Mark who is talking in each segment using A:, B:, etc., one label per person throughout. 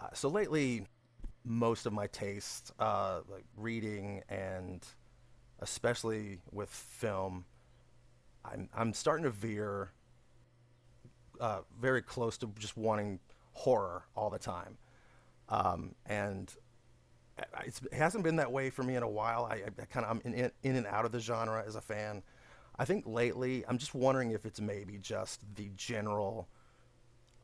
A: So lately, most of my tastes, like reading and especially with film, I'm starting to veer very close to just wanting horror all the time. And it hasn't been that way for me in a while. I kind of I'm in and out of the genre as a fan. I think lately I'm just wondering if it's maybe just the general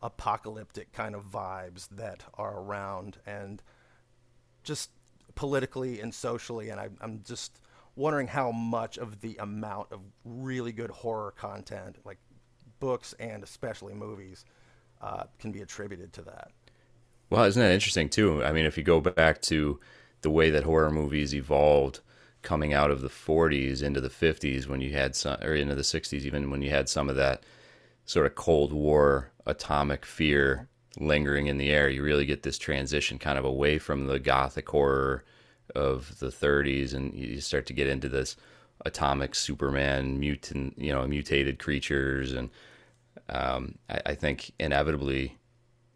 A: apocalyptic kind of vibes that are around and just politically and socially. And I'm just wondering how much of the amount of really good horror content, like books and especially movies, can be attributed to that.
B: Well, isn't that interesting too? I mean, if you go back to the way that horror movies evolved coming out of the 40s into the 50s when you had some or into the 60s even when you had some of that sort of Cold War atomic fear
A: Mhm.
B: lingering in the air. You really get this transition kind of away from the gothic horror of the 30s, and you start to get into this atomic superman mutant, you know, mutated creatures. And I think inevitably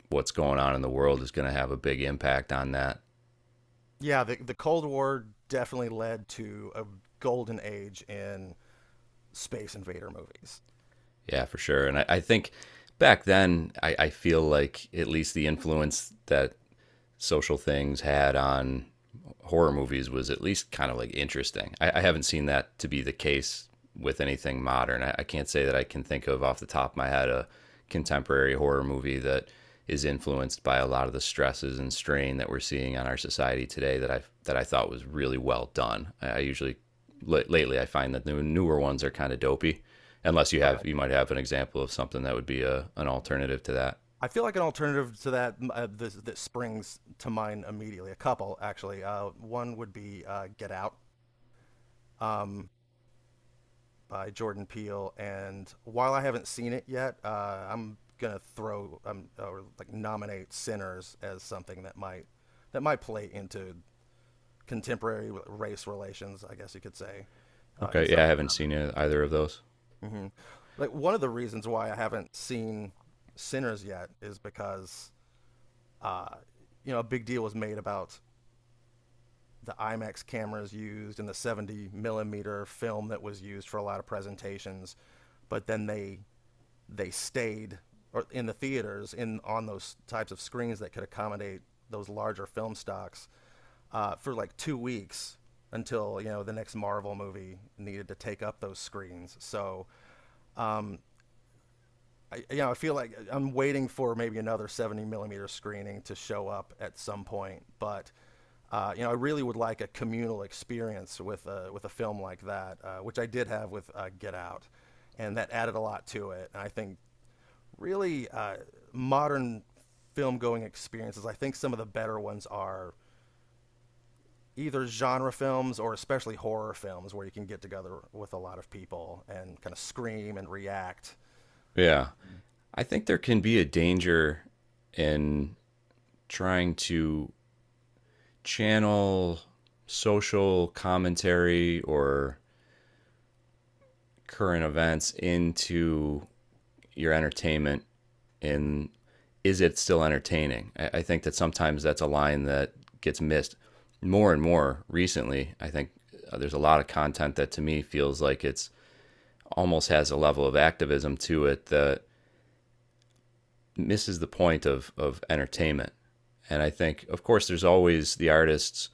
B: what's going on in the world is going to have a big impact on that.
A: Yeah, the Cold War definitely led to a golden age in space invader movies.
B: Yeah, for sure. And I think back then, I feel like at least the influence that social things had on horror movies was at least kind of like interesting. I haven't seen that to be the case with anything modern. I can't say that I can think of off the top of my head a contemporary horror movie that is influenced by a lot of the stresses and strain that we're seeing on our society today that I thought was really well done. I usually lately I find that the newer ones are kind of dopey, unless
A: Okay.
B: you might have an example of something that would be a an alternative to that.
A: I feel like an alternative to that, that springs to mind immediately. A couple, actually. One would be Get Out. Um, by Jordan Peele, and while I haven't seen it yet, I'm gonna throw or like nominate Sinners as something that might play into contemporary race relations, I guess you could say, in
B: Okay,
A: some
B: yeah, I
A: way or
B: haven't
A: another.
B: seen either of those.
A: hmm Like one of the reasons why I haven't seen Sinners yet is because uh, you know a big deal was made about the IMAX cameras used and the 70 millimeter film that was used for a lot of presentations, but then they stayed or in the theaters in on those types of screens that could accommodate those larger film stocks for like 2 weeks until you know the next Marvel movie needed to take up those screens. So you know, I feel like I'm waiting for maybe another 70 millimeter screening to show up at some point. But you know, I really would like a communal experience with a film like that, which I did have with Get Out, and that added a lot to it. And I think really modern film going experiences. I think some of the better ones are either genre films or especially horror films, where you can get together with a lot of people and kind of scream and react.
B: Yeah. I think there can be a danger in trying to channel social commentary or current events into your entertainment,
A: Mm-hmm.
B: and is it still entertaining? I think that sometimes that's a line that gets missed more and more recently. I think there's a lot of content that to me feels like it's almost has a level of activism to it that misses the point of entertainment. And I think, of course, there's always the artists.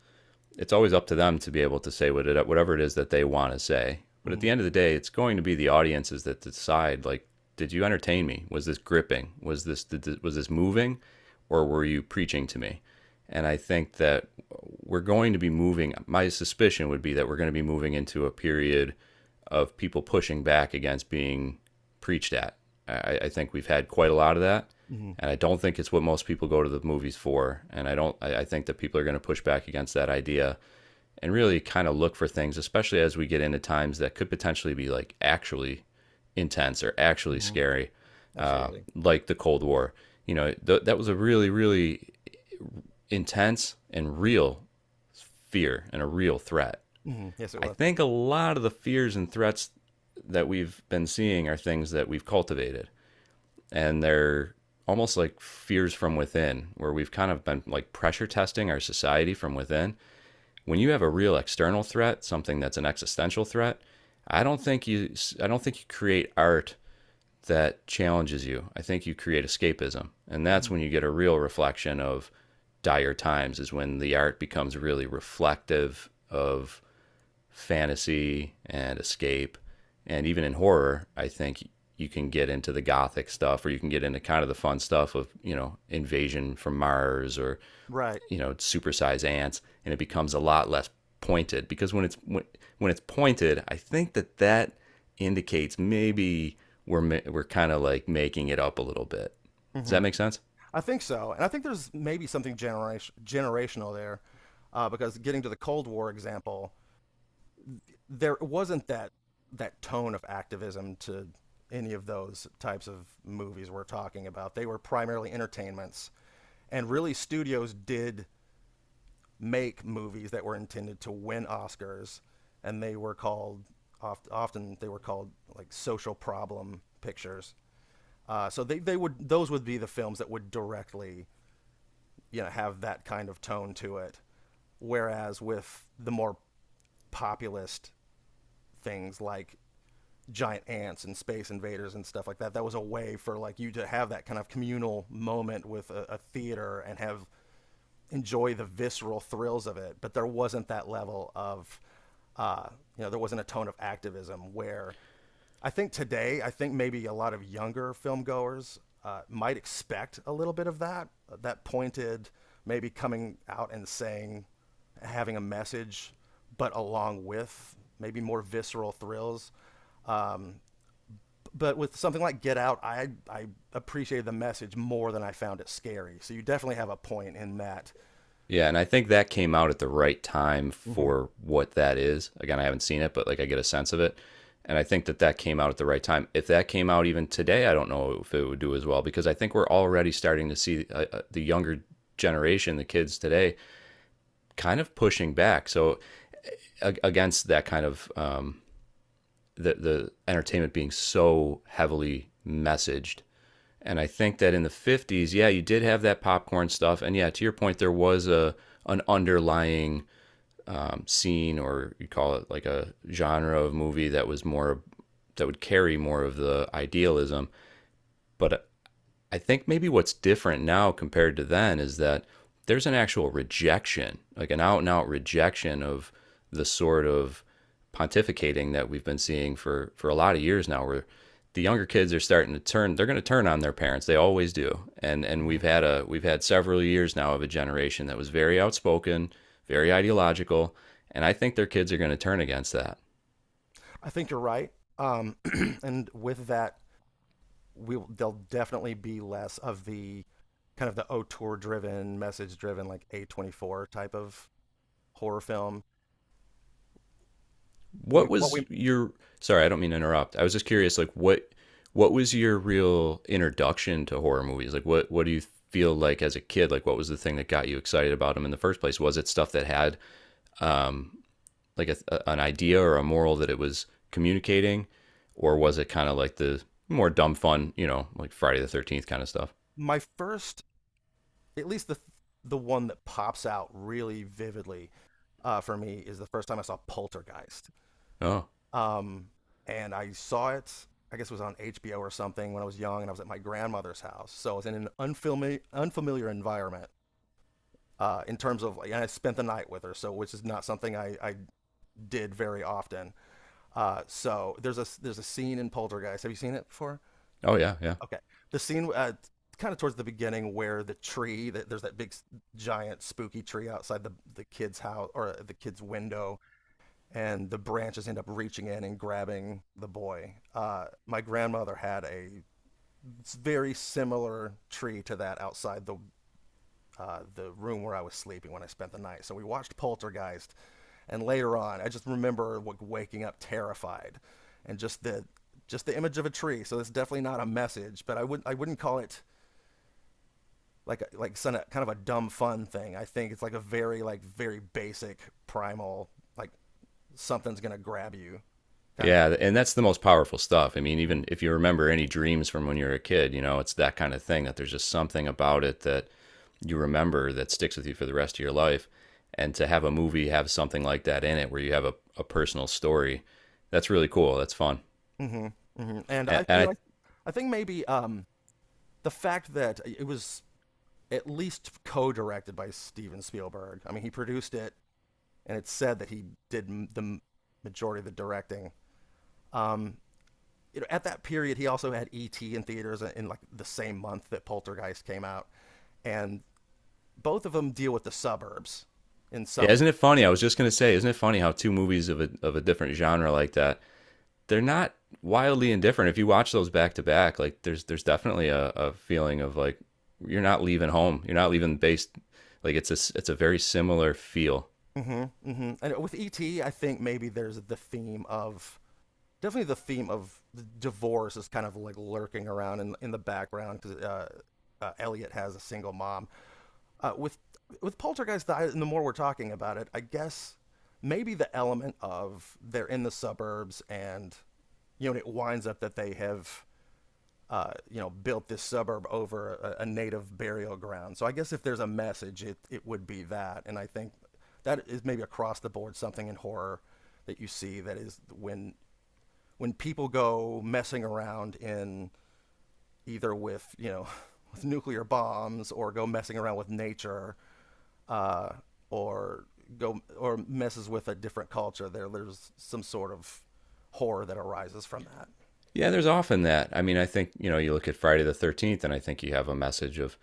B: It's always up to them to be able to say whatever it is that they want to say. But at
A: Mm-hmm.
B: the end of the day, it's going to be the audiences that decide. Like, did you entertain me? Was this gripping? Was this moving, or were you preaching to me? And I think that we're going to be moving. My suspicion would be that we're going to be moving into a period of people pushing back against being preached at. I think we've had quite a lot of that,
A: Mm-hmm.
B: and I don't think it's what most people go to the movies for. And I don't. I think that people are going to push back against that idea, and really kind of look for things, especially as we get into times that could potentially be like actually intense or actually
A: Mm-hmm.
B: scary, uh,
A: Absolutely.
B: like the Cold War. You know, that was a really, really intense and real fear and a real threat.
A: Hmm. Yes, it
B: I
A: was.
B: think a lot of the fears and threats that we've been seeing are things that we've cultivated, and they're almost like fears from within, where we've kind of been like pressure testing our society from within. When you have a real external threat, something that's an existential threat, I don't think you I don't think you create art that challenges you. I think you create escapism. And that's
A: Hmm.
B: when you get a real reflection of dire times, is when the art becomes really reflective of fantasy and escape. And even in horror, I think you can get into the gothic stuff, or you can get into kind of the fun stuff of, you know, invasion from Mars, or,
A: Right.
B: you know, supersize ants. And it becomes a lot less pointed, because when it's pointed, I think that that indicates maybe we're kind of like making it up a little bit. Does
A: Hmm.
B: that make sense?
A: I think so, and I think there's maybe something generational there, because getting to the Cold War example, there wasn't that tone of activism to any of those types of movies we're talking about. They were primarily entertainments, and really studios did make movies that were intended to win Oscars, and they were called often they were called like social problem pictures. So they would those would be the films that would directly you know have that kind of tone to it. Whereas with the more populist things like giant ants and space invaders and stuff like that, that was a way for like you to have that kind of communal moment with a theater and have enjoy the visceral thrills of it, but there wasn't that level of, uh, you know, there wasn't a tone of activism where I think today, I think maybe a lot of younger film goers might expect a little bit of that, that pointed, maybe coming out and saying, having a message, but along with maybe more visceral thrills. Um, but with something like Get Out, I appreciated the message more than I found it scary. So you definitely have a point in that.
B: Yeah, and I think that came out at the right time
A: Mm-hmm.
B: for what that is. Again, I haven't seen it, but like I get a sense of it. And I think that that came out at the right time. If that came out even today, I don't know if it would do as well, because I think we're already starting to see the younger generation, the kids today, kind of pushing back. So against that kind of, the entertainment being so heavily messaged. And I think that in the '50s, yeah, you did have that popcorn stuff, and yeah, to your point, there was a an underlying, scene, or you call it like a genre of movie that would carry more of the idealism. But I think maybe what's different now compared to then is that there's an actual rejection, like an out and out rejection of the sort of pontificating that we've been seeing for a lot of years now, where the younger kids are starting to turn. They're going to turn on their parents. They always do. And and we've
A: Mhm.
B: had a we've had several years now of a generation that was very outspoken, very ideological, and I think their kids are going to turn against that.
A: I think you're right. Um, and with that, there'll definitely be less of the kind of the auteur driven, message driven, like A24 type of horror film. We
B: What
A: what we
B: was your Sorry, I don't mean to interrupt. I was just curious, like, what was your real introduction to horror movies? Like, what do you feel like as a kid? Like, what was the thing that got you excited about them in the first place? Was it stuff that had, um like an idea or a moral that it was communicating, or was it kind of like the more dumb fun, you know, like Friday the 13th kind of stuff?
A: My first, at least the one that pops out really vividly for me is the first time I saw Poltergeist.
B: Oh,
A: Um, and I saw it, I guess it was on HBO or something when I was young, and I was at my grandmother's house. So I was in an unfamiliar environment. In terms of And I spent the night with her, so which is not something I did very often. So there's a scene in Poltergeist. Have you seen it before?
B: oh, yeah, yeah,
A: Okay, the scene kind of towards the beginning where there's that big giant spooky tree outside the kid's house or the kid's window, and the branches end up reaching in and grabbing the boy. My grandmother had a very similar tree to that outside the room where I was sleeping when I spent the night. So we watched Poltergeist. And later on, I just remember like waking up terrified, and just the image of a tree. So it's definitely not a message, but I wouldn't call it like a, like kind of a dumb fun thing. I think it's like a very very basic primal like something's gonna grab you kind of.
B: yeah. And that's the most powerful stuff. I mean, even if you remember any dreams from when you were a kid, you know, it's that kind of thing that there's just something about it that you remember, that sticks with you for the rest of your life. And to have a movie have something like that in it, where you have a personal story, that's really cool. That's fun.
A: Mm-hmm. Hmm. And
B: And,
A: I
B: and
A: you know
B: I,
A: I think maybe the fact that it was at least co-directed by Steven Spielberg. I mean, he produced it, and it's said that he did majority of the directing. Um, you know, at that period, he also had E.T. in theaters in, like the same month that Poltergeist came out, and both of them deal with the suburbs in
B: yeah,
A: some
B: isn't it funny? I was just gonna say, isn't it funny how two movies of a different genre like that, they're not wildly indifferent. If you watch those back to back, like there's definitely a feeling of like you're not leaving home. You're not leaving. Based like it's a very similar feel.
A: way. Mm-hmm, mm-hmm. And with E.T., I think maybe there's the theme of definitely the theme of the divorce is kind of like lurking around in the background because Elliot has a single mom. Uh, with with Poltergeist, and the more we're talking about it, I guess maybe the element of they're in the suburbs and you know it winds up that they have you know, built this suburb over a native burial ground. So I guess if there's a message, it would be that. And I think that is maybe across the board something in horror that you see that is when people go messing around in either with you know with nuclear bombs or go messing around with nature uh, or go or messes with a different culture. There's some sort of horror that arises from that.
B: Yeah, there's often that. I mean, I think, you look at Friday the 13th, and I think you have a message of,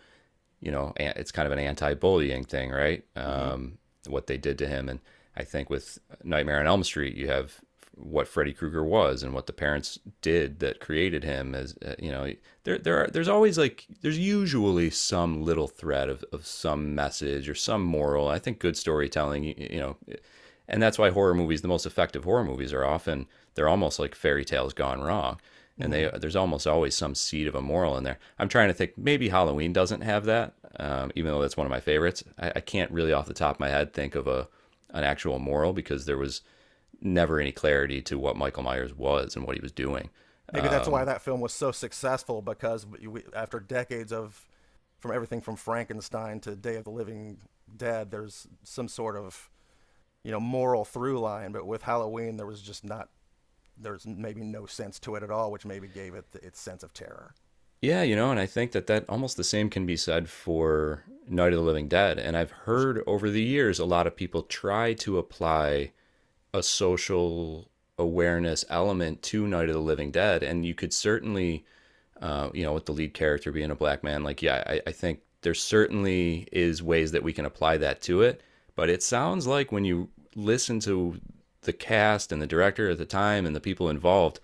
B: you know, it's kind of an anti-bullying thing, right?
A: Mm-hmm.
B: What they did to him. And I think with Nightmare on Elm Street, you have what Freddy Krueger was and what the parents did that created him. As there's always, like, there's usually some little thread of some message or some moral. I think good storytelling, and that's why horror movies, the most effective horror movies, are often, they're almost like fairy tales gone wrong, and
A: Mm-hmm.
B: they there's almost always some seed of a moral in there. I'm trying to think, maybe Halloween doesn't have that, even though that's one of my favorites. I can't really off the top of my head think of a an actual moral, because there was never any clarity to what Michael Myers was and what he was doing.
A: Maybe that's why that film was so successful because we, after decades of from everything from Frankenstein to Day of the Living Dead, there's some sort of you know moral through line. But with Halloween, there was just not there's maybe no sense to it at all, which maybe gave it the, its sense of terror.
B: Yeah, you know, and I think that that almost the same can be said for Night of the Living Dead. And I've
A: Which—
B: heard over the years a lot of people try to apply a social awareness element to Night of the Living Dead, and you could certainly, with the lead character being a black man, like, yeah, I think there certainly is ways that we can apply that to it. But it sounds like when you listen to the cast and the director at the time and the people involved,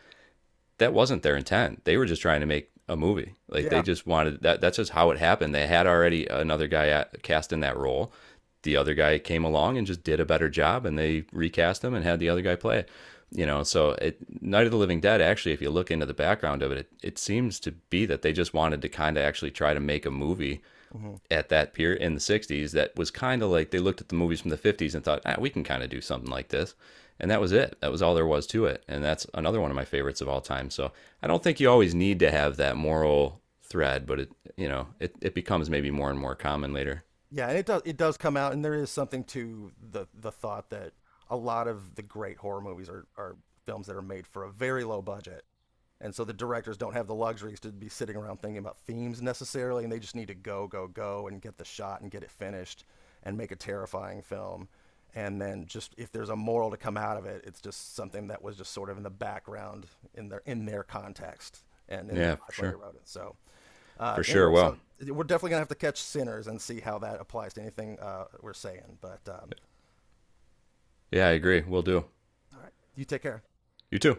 B: that wasn't their intent. They were just trying to make a movie. Like, they
A: yeah,
B: just wanted that. That's just how it happened. They had already another guy cast in that role. The other guy came along and just did a better job, and they recast him and had the other guy play it. You know, so Night of the Living Dead. Actually, if you look into the background of it, it seems to be that they just wanted to kind of actually try to make a movie
A: hmm
B: at that period in the 60s that was kind of like they looked at the movies from the 50s and thought, ah, we can kind of do something like this. And that was it. That was all there was to it. And that's another one of my favorites of all time. So I don't think you always need to have that moral thread, but it, you know, it becomes maybe more and more common later.
A: yeah, and it does come out, and there is something to the thought that a lot of the great horror movies are films that are made for a very low budget. And so the directors don't have the luxuries to be sitting around thinking about themes necessarily, and they just need to go, go, go and get the shot and get it finished and make a terrifying film. And then just if there's a moral to come out of it, it's just something that was just sort of in the background in their context and in their
B: Yeah, for
A: lives when they
B: sure.
A: wrote it. So
B: For sure.
A: anyway,
B: Well,
A: so we're definitely gonna have to catch Sinners and see how that applies to anything we're saying. But
B: yeah, I agree. We'll do.
A: all right, you take care.
B: You too.